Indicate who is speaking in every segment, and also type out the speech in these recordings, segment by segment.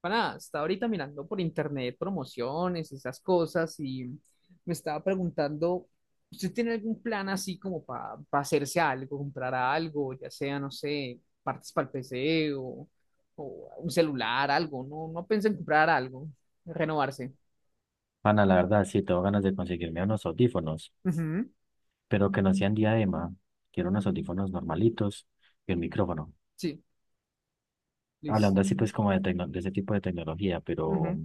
Speaker 1: Para, estaba ahorita mirando por internet promociones, esas cosas, y me estaba preguntando, ¿usted tiene algún plan así como para hacerse algo, comprar algo, ya sea, no sé, partes para el PC o un celular, algo? No, no pensé en comprar algo, renovarse.
Speaker 2: Ana, la verdad, sí, tengo ganas de conseguirme unos audífonos,
Speaker 1: Ujú.
Speaker 2: pero que no sean diadema. Quiero unos audífonos normalitos y un micrófono.
Speaker 1: Sí,
Speaker 2: Hablando
Speaker 1: listo.
Speaker 2: así, pues, como de, de ese tipo de tecnología, pero
Speaker 1: Ujú.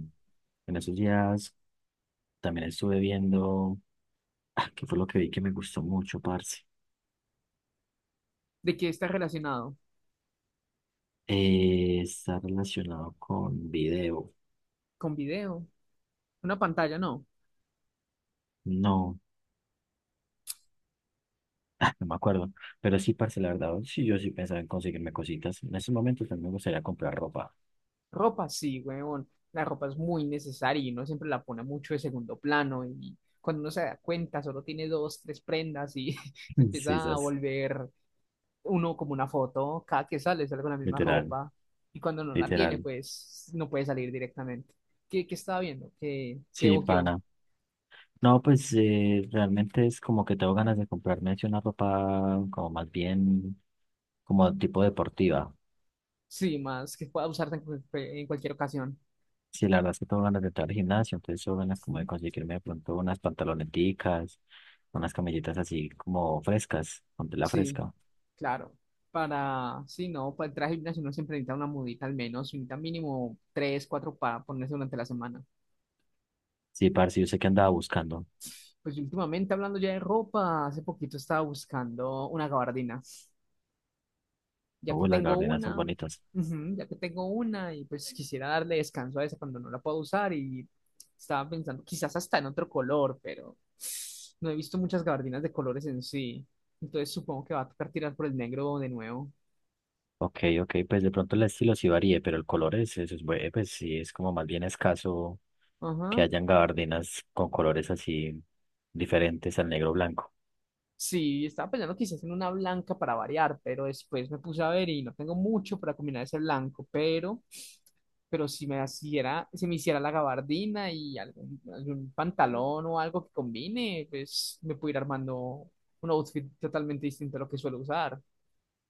Speaker 2: en esos días también estuve viendo, que fue lo que vi que me gustó mucho, parce.
Speaker 1: ¿De qué está relacionado?
Speaker 2: Está relacionado con video.
Speaker 1: ¿Con video? ¿Una pantalla? No.
Speaker 2: No, no me acuerdo. Pero sí, parce, la verdad, sí, yo sí pensaba en conseguirme cositas. En esos momentos también me gustaría comprar ropa.
Speaker 1: Ropa, sí, weón. La ropa es muy necesaria y uno siempre la pone mucho de segundo plano y cuando uno se da cuenta solo tiene dos, tres prendas y se
Speaker 2: Sí,
Speaker 1: empieza a
Speaker 2: esas,
Speaker 1: volver uno como una foto. Cada que sale, sale con la misma
Speaker 2: literal,
Speaker 1: ropa y cuando no la tiene,
Speaker 2: literal.
Speaker 1: pues no puede salir directamente. ¿Qué, qué estaba viendo? ¿Qué, qué
Speaker 2: Sí,
Speaker 1: ojeó?
Speaker 2: pana. No, pues realmente es como que tengo ganas de comprarme así una ropa como más bien como tipo deportiva.
Speaker 1: Sí, más que pueda usarse en, en cualquier ocasión.
Speaker 2: Sí, la verdad es que tengo ganas de entrar al gimnasio, entonces tengo ganas como de
Speaker 1: Ujú.
Speaker 2: conseguirme de pronto unas pantaloneticas, unas camisetas así como frescas, con tela
Speaker 1: Sí.
Speaker 2: fresca.
Speaker 1: Claro, para, sí, no, para entrar al gimnasio uno siempre necesita una mudita al menos, necesita mínimo tres, cuatro para ponerse durante la semana.
Speaker 2: Sí, parce, yo sé que andaba buscando.
Speaker 1: Pues últimamente hablando ya de ropa, hace poquito estaba buscando una gabardina, ya que
Speaker 2: Uy, las
Speaker 1: tengo
Speaker 2: gabardinas son
Speaker 1: una,
Speaker 2: bonitas.
Speaker 1: ujú, ya que tengo una y pues quisiera darle descanso a esa cuando no la puedo usar y estaba pensando quizás hasta en otro color, pero no he visto muchas gabardinas de colores en sí, entonces supongo que va a tocar tirar por el negro de nuevo.
Speaker 2: Ok, ok, pues de pronto el estilo sí varíe, pero el color es, eso es, pues sí, es como más bien escaso que
Speaker 1: Ajá.
Speaker 2: hayan gabardinas con colores así diferentes al negro blanco.
Speaker 1: Sí, estaba pensando quizás en una blanca para variar, pero después me puse a ver y no tengo mucho para combinar ese blanco, pero, si me hiciera la gabardina y algún pantalón o algo que combine, pues me puedo ir armando un outfit totalmente distinto a lo que suelo usar.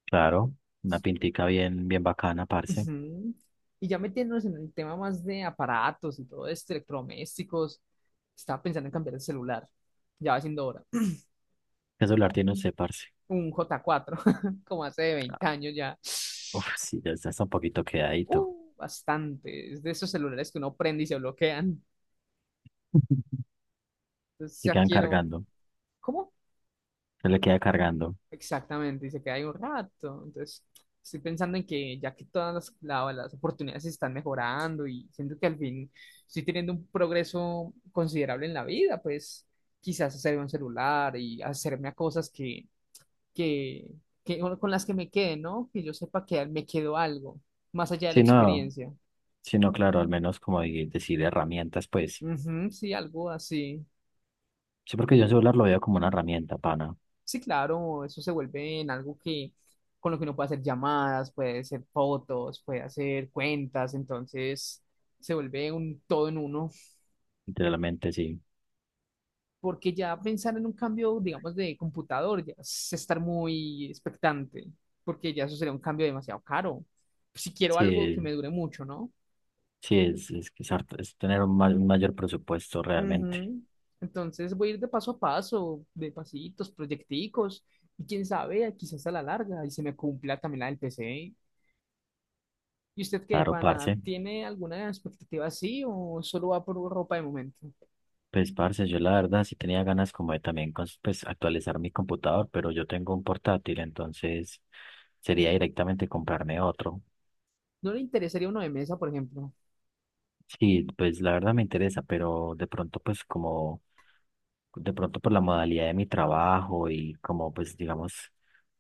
Speaker 2: Claro, una pintica bien, bien bacana, parce.
Speaker 1: Ujú. Y ya metiéndonos en el tema más de aparatos y todo esto, electrodomésticos, estaba pensando en cambiar el celular. Ya va siendo hora.
Speaker 2: ¿Qué celular tiene usted, parce?
Speaker 1: Un J4, como hace 20 años ya.
Speaker 2: Uf, sí, ya está, está un poquito quedadito.
Speaker 1: Bastante. Es de esos celulares que uno prende y se bloquean. Entonces
Speaker 2: Se
Speaker 1: ya
Speaker 2: quedan
Speaker 1: quiero.
Speaker 2: cargando,
Speaker 1: ¿Cómo?
Speaker 2: se le queda cargando.
Speaker 1: Exactamente. Y se queda ahí un rato. Entonces estoy pensando en que ya que las oportunidades se están mejorando y siento que al fin estoy teniendo un progreso considerable en la vida, pues quizás hacerme un celular y hacerme a cosas que, que con las que me quede, ¿no? Que yo sepa que me quedó algo, más allá de la
Speaker 2: Si no,
Speaker 1: experiencia.
Speaker 2: si no, claro, al menos como decir herramientas, pues.
Speaker 1: Ujú, sí, algo así.
Speaker 2: Sí, porque yo el celular lo veo como una herramienta, pana.
Speaker 1: Sí, claro, eso se vuelve en algo que con lo que uno puede hacer llamadas, puede hacer fotos, puede hacer cuentas, entonces se vuelve un todo en uno,
Speaker 2: Literalmente, sí.
Speaker 1: porque ya pensar en un cambio, digamos, de computador ya es estar muy expectante, porque ya eso sería un cambio demasiado caro. Si quiero algo que
Speaker 2: Sí,
Speaker 1: me dure mucho, ¿no?
Speaker 2: sí, es, que es es tener un, un mayor presupuesto realmente.
Speaker 1: Ujú. Entonces voy a ir de paso a paso, de pasitos, proyecticos, y quién sabe, quizás a la larga, y se me cumpla también la del PC. ¿Y usted qué,
Speaker 2: Claro,
Speaker 1: pana?
Speaker 2: parce.
Speaker 1: ¿Tiene alguna expectativa así o solo va por ropa de momento?
Speaker 2: Pues, parce, yo la verdad sí tenía ganas como de también pues, actualizar mi computador, pero yo tengo un portátil, entonces sería directamente comprarme otro.
Speaker 1: ¿No le interesaría uno de mesa, por ejemplo?
Speaker 2: Sí, pues la verdad me interesa, pero de pronto pues como, de pronto por la modalidad de mi trabajo y como pues digamos,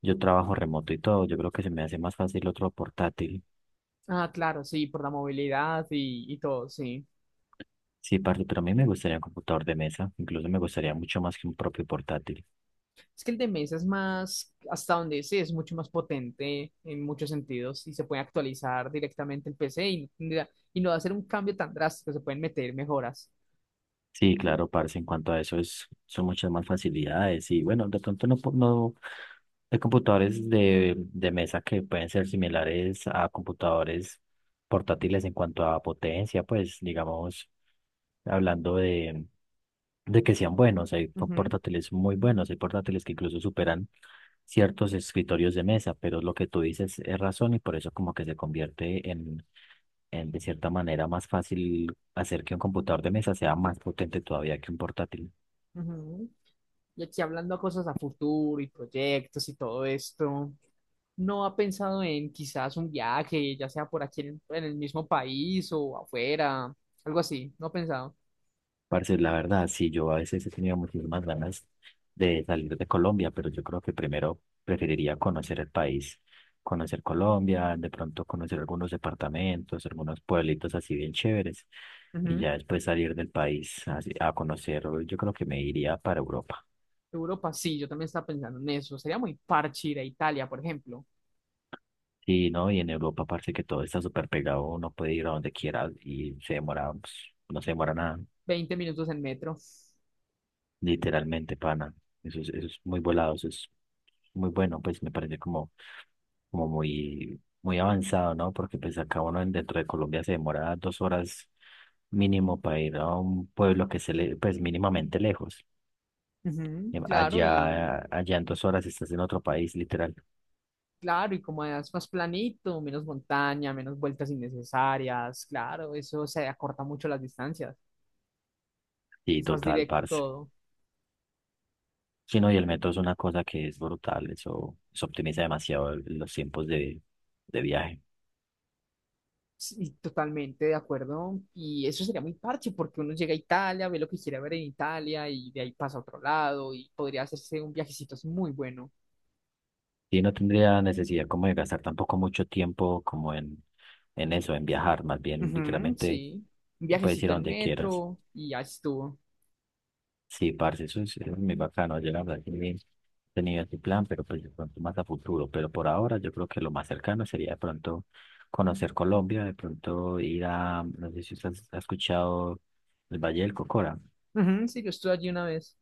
Speaker 2: yo trabajo remoto y todo, yo creo que se me hace más fácil otro portátil.
Speaker 1: Ah, claro, sí, por la movilidad y todo, sí.
Speaker 2: Sí, parce, pero a mí me gustaría un computador de mesa, incluso me gustaría mucho más que un propio portátil.
Speaker 1: Es que el de mesa es más, hasta donde sé, es mucho más potente en muchos sentidos y se puede actualizar directamente el PC y, y no va a ser un cambio tan drástico, se pueden meter mejoras.
Speaker 2: Sí, claro, parce, en cuanto a eso es, son muchas más facilidades y bueno, de pronto no, no hay computadores de mesa que pueden ser similares a computadores portátiles en cuanto a potencia, pues digamos, hablando de que sean buenos, hay
Speaker 1: Ujú,
Speaker 2: portátiles muy buenos, hay portátiles que incluso superan ciertos escritorios de mesa, pero lo que tú dices es razón y por eso como que se convierte en de cierta manera más fácil hacer que un computador de mesa sea más potente todavía que un portátil.
Speaker 1: ujú. Y aquí hablando a cosas a futuro y proyectos y todo esto, ¿no ha pensado en quizás un viaje, ya sea por aquí en el mismo país o afuera, algo así? ¿No ha pensado?
Speaker 2: Parce, la verdad, sí, yo a veces he tenido muchísimas ganas de salir de Colombia, pero yo creo que primero preferiría conocer el país, conocer Colombia, de pronto conocer algunos departamentos, algunos pueblitos así bien chéveres, y
Speaker 1: Ujú.
Speaker 2: ya después salir del país a conocer, yo creo que me iría para Europa.
Speaker 1: Europa, sí, yo también estaba pensando en eso. Sería muy parche ir a Italia, por ejemplo.
Speaker 2: Sí, ¿no? Y en Europa parece que todo está súper pegado, uno puede ir a donde quiera y se demora, pues, no se demora nada,
Speaker 1: 20 minutos en metro.
Speaker 2: literalmente, pana. Eso es muy volado, eso es muy bueno, pues me parece como, como muy, muy avanzado, ¿no? Porque pues acá uno dentro de Colombia se demora 2 horas mínimo para ir a un pueblo que se le, pues mínimamente lejos.
Speaker 1: Ujú. Claro, y
Speaker 2: Allá, allá en 2 horas estás en otro país, literal.
Speaker 1: como es más planito, menos montaña, menos vueltas innecesarias, claro, eso se acorta mucho las distancias.
Speaker 2: Sí,
Speaker 1: Es más
Speaker 2: total,
Speaker 1: directo
Speaker 2: parce.
Speaker 1: todo.
Speaker 2: Sí, no, y el metro es una cosa que es brutal, eso optimiza demasiado los tiempos de viaje.
Speaker 1: Sí, totalmente de acuerdo. Y eso sería muy parche porque uno llega a Italia, ve lo que quiere ver en Italia y de ahí pasa a otro lado y podría hacerse un viajecito es muy bueno.
Speaker 2: Y no tendría necesidad como de gastar tampoco mucho tiempo como en eso, en viajar, más bien
Speaker 1: Ujú,
Speaker 2: literalmente
Speaker 1: sí, un
Speaker 2: puedes ir
Speaker 1: viajecito
Speaker 2: a
Speaker 1: en
Speaker 2: donde quieras.
Speaker 1: metro y ya estuvo.
Speaker 2: Sí, parce, eso es muy bacano, yo la verdad que ni he tenido ese plan, pero pues de pronto más a futuro, pero por ahora yo creo que lo más cercano sería de pronto conocer Colombia, de pronto ir a, no sé si usted ha escuchado el Valle del Cocora.
Speaker 1: Ujú, sí, yo estuve allí una vez.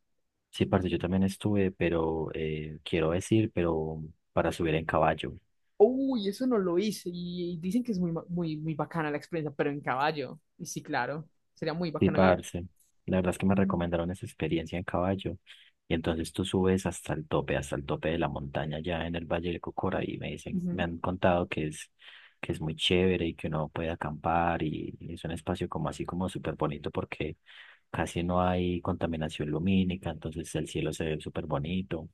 Speaker 2: Sí, parce, yo también estuve, pero quiero decir, pero para subir en caballo.
Speaker 1: Uy, eso no lo hice y dicen que es muy bacana la experiencia, pero en caballo. Y sí, claro, sería muy
Speaker 2: Sí,
Speaker 1: bacano ir.
Speaker 2: parce, la verdad es que me recomendaron esa experiencia en caballo. Y entonces tú subes hasta el tope de la montaña, ya en el Valle del Cocora, y me dicen, me han contado que es muy chévere y que uno puede acampar y es un espacio como así como súper bonito porque casi no hay contaminación lumínica, entonces el cielo se ve súper bonito.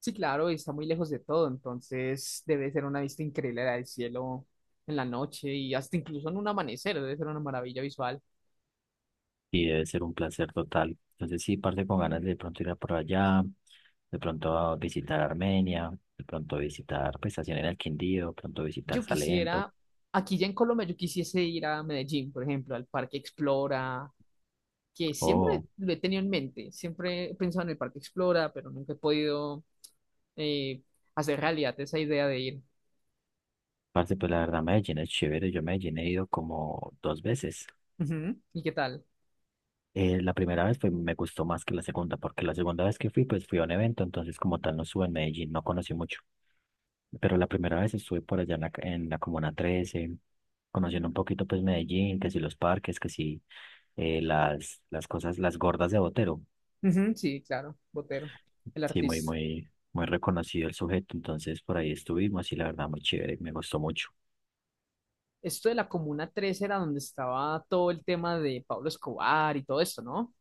Speaker 1: Sí, claro, y está muy lejos de todo, entonces debe ser una vista increíble la del cielo en la noche y hasta incluso en un amanecer, debe ser una maravilla visual.
Speaker 2: Y debe ser un placer total. Entonces sí, parte con ganas de pronto ir a por allá, de pronto a visitar Armenia, de pronto visitar pues estación en el Quindío, de pronto visitar
Speaker 1: Yo
Speaker 2: Salento.
Speaker 1: quisiera, aquí ya en Colombia, yo quisiese ir a Medellín, por ejemplo, al Parque Explora, que siempre
Speaker 2: Oh,
Speaker 1: lo he tenido en mente, siempre he pensado en el Parque Explora, pero nunca he podido eh, hacer realidad esa idea de ir.
Speaker 2: parte pues la verdad Medellín es chévere. Yo a Medellín he ido como dos veces.
Speaker 1: Ujú. ¿Y qué tal?
Speaker 2: La primera vez me gustó más que la segunda, porque la segunda vez que fui, pues fui a un evento, entonces como tal no estuve en Medellín, no conocí mucho. Pero la primera vez estuve por allá en la Comuna 13 conociendo un poquito pues Medellín, que si los parques, que si las cosas, las gordas de Botero.
Speaker 1: Ujú, sí, claro, Botero, el
Speaker 2: Sí, muy,
Speaker 1: artista.
Speaker 2: muy, muy reconocido el sujeto, entonces por ahí estuvimos y la verdad muy chévere, me gustó mucho.
Speaker 1: Esto de la Comuna 3 era donde estaba todo el tema de Pablo Escobar y todo esto, ¿no?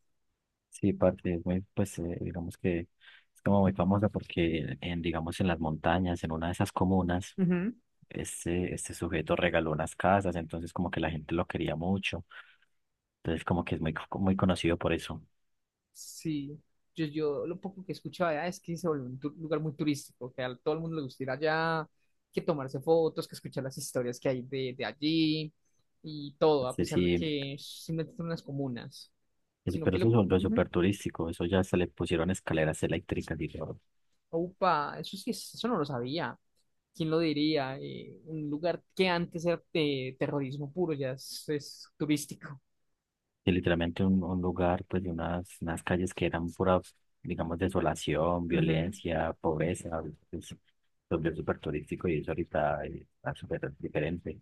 Speaker 2: Sí, parte, es muy, pues digamos que es como muy famosa porque en, digamos, en las montañas, en una de esas comunas,
Speaker 1: Ujú.
Speaker 2: este sujeto regaló unas casas, entonces como que la gente lo quería mucho, entonces como que es muy, muy conocido por eso.
Speaker 1: Sí, yo lo poco que escuchaba allá es que se volvió un lugar muy turístico, que a todo el mundo le gusta ir allá, que tomarse fotos, que escuchar las historias que hay de allí y todo, a
Speaker 2: Sí,
Speaker 1: pesar de
Speaker 2: sí,
Speaker 1: que simplemente son unas comunas,
Speaker 2: eso-
Speaker 1: sino
Speaker 2: pero
Speaker 1: que lo...
Speaker 2: eso es
Speaker 1: ujú.
Speaker 2: súper turístico, eso ya se le pusieron escaleras eléctricas y todo.
Speaker 1: Upa, eso sí, eso no lo sabía. ¿Quién lo diría? Un lugar que antes era de terrorismo puro ya es turístico.
Speaker 2: Que literalmente un lugar, pues de unas, unas calles que eran pura, digamos, desolación,
Speaker 1: Ujú.
Speaker 2: violencia, pobreza, pues, lo vio súper turístico y eso ahorita está súper diferente.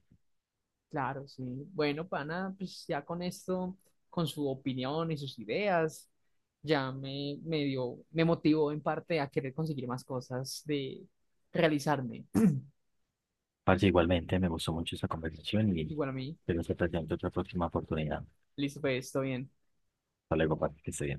Speaker 1: Claro, sí. Bueno, pana, pues ya con esto, con su opinión y sus ideas, ya me dio, me motivó en parte a querer conseguir más cosas de realizarme.
Speaker 2: Parce, igualmente me gustó mucho esa conversación y
Speaker 1: Igual a mí.
Speaker 2: espero que se presente otra próxima oportunidad.
Speaker 1: Listo, pues, todo bien.
Speaker 2: Hasta luego, parce, que esté bien.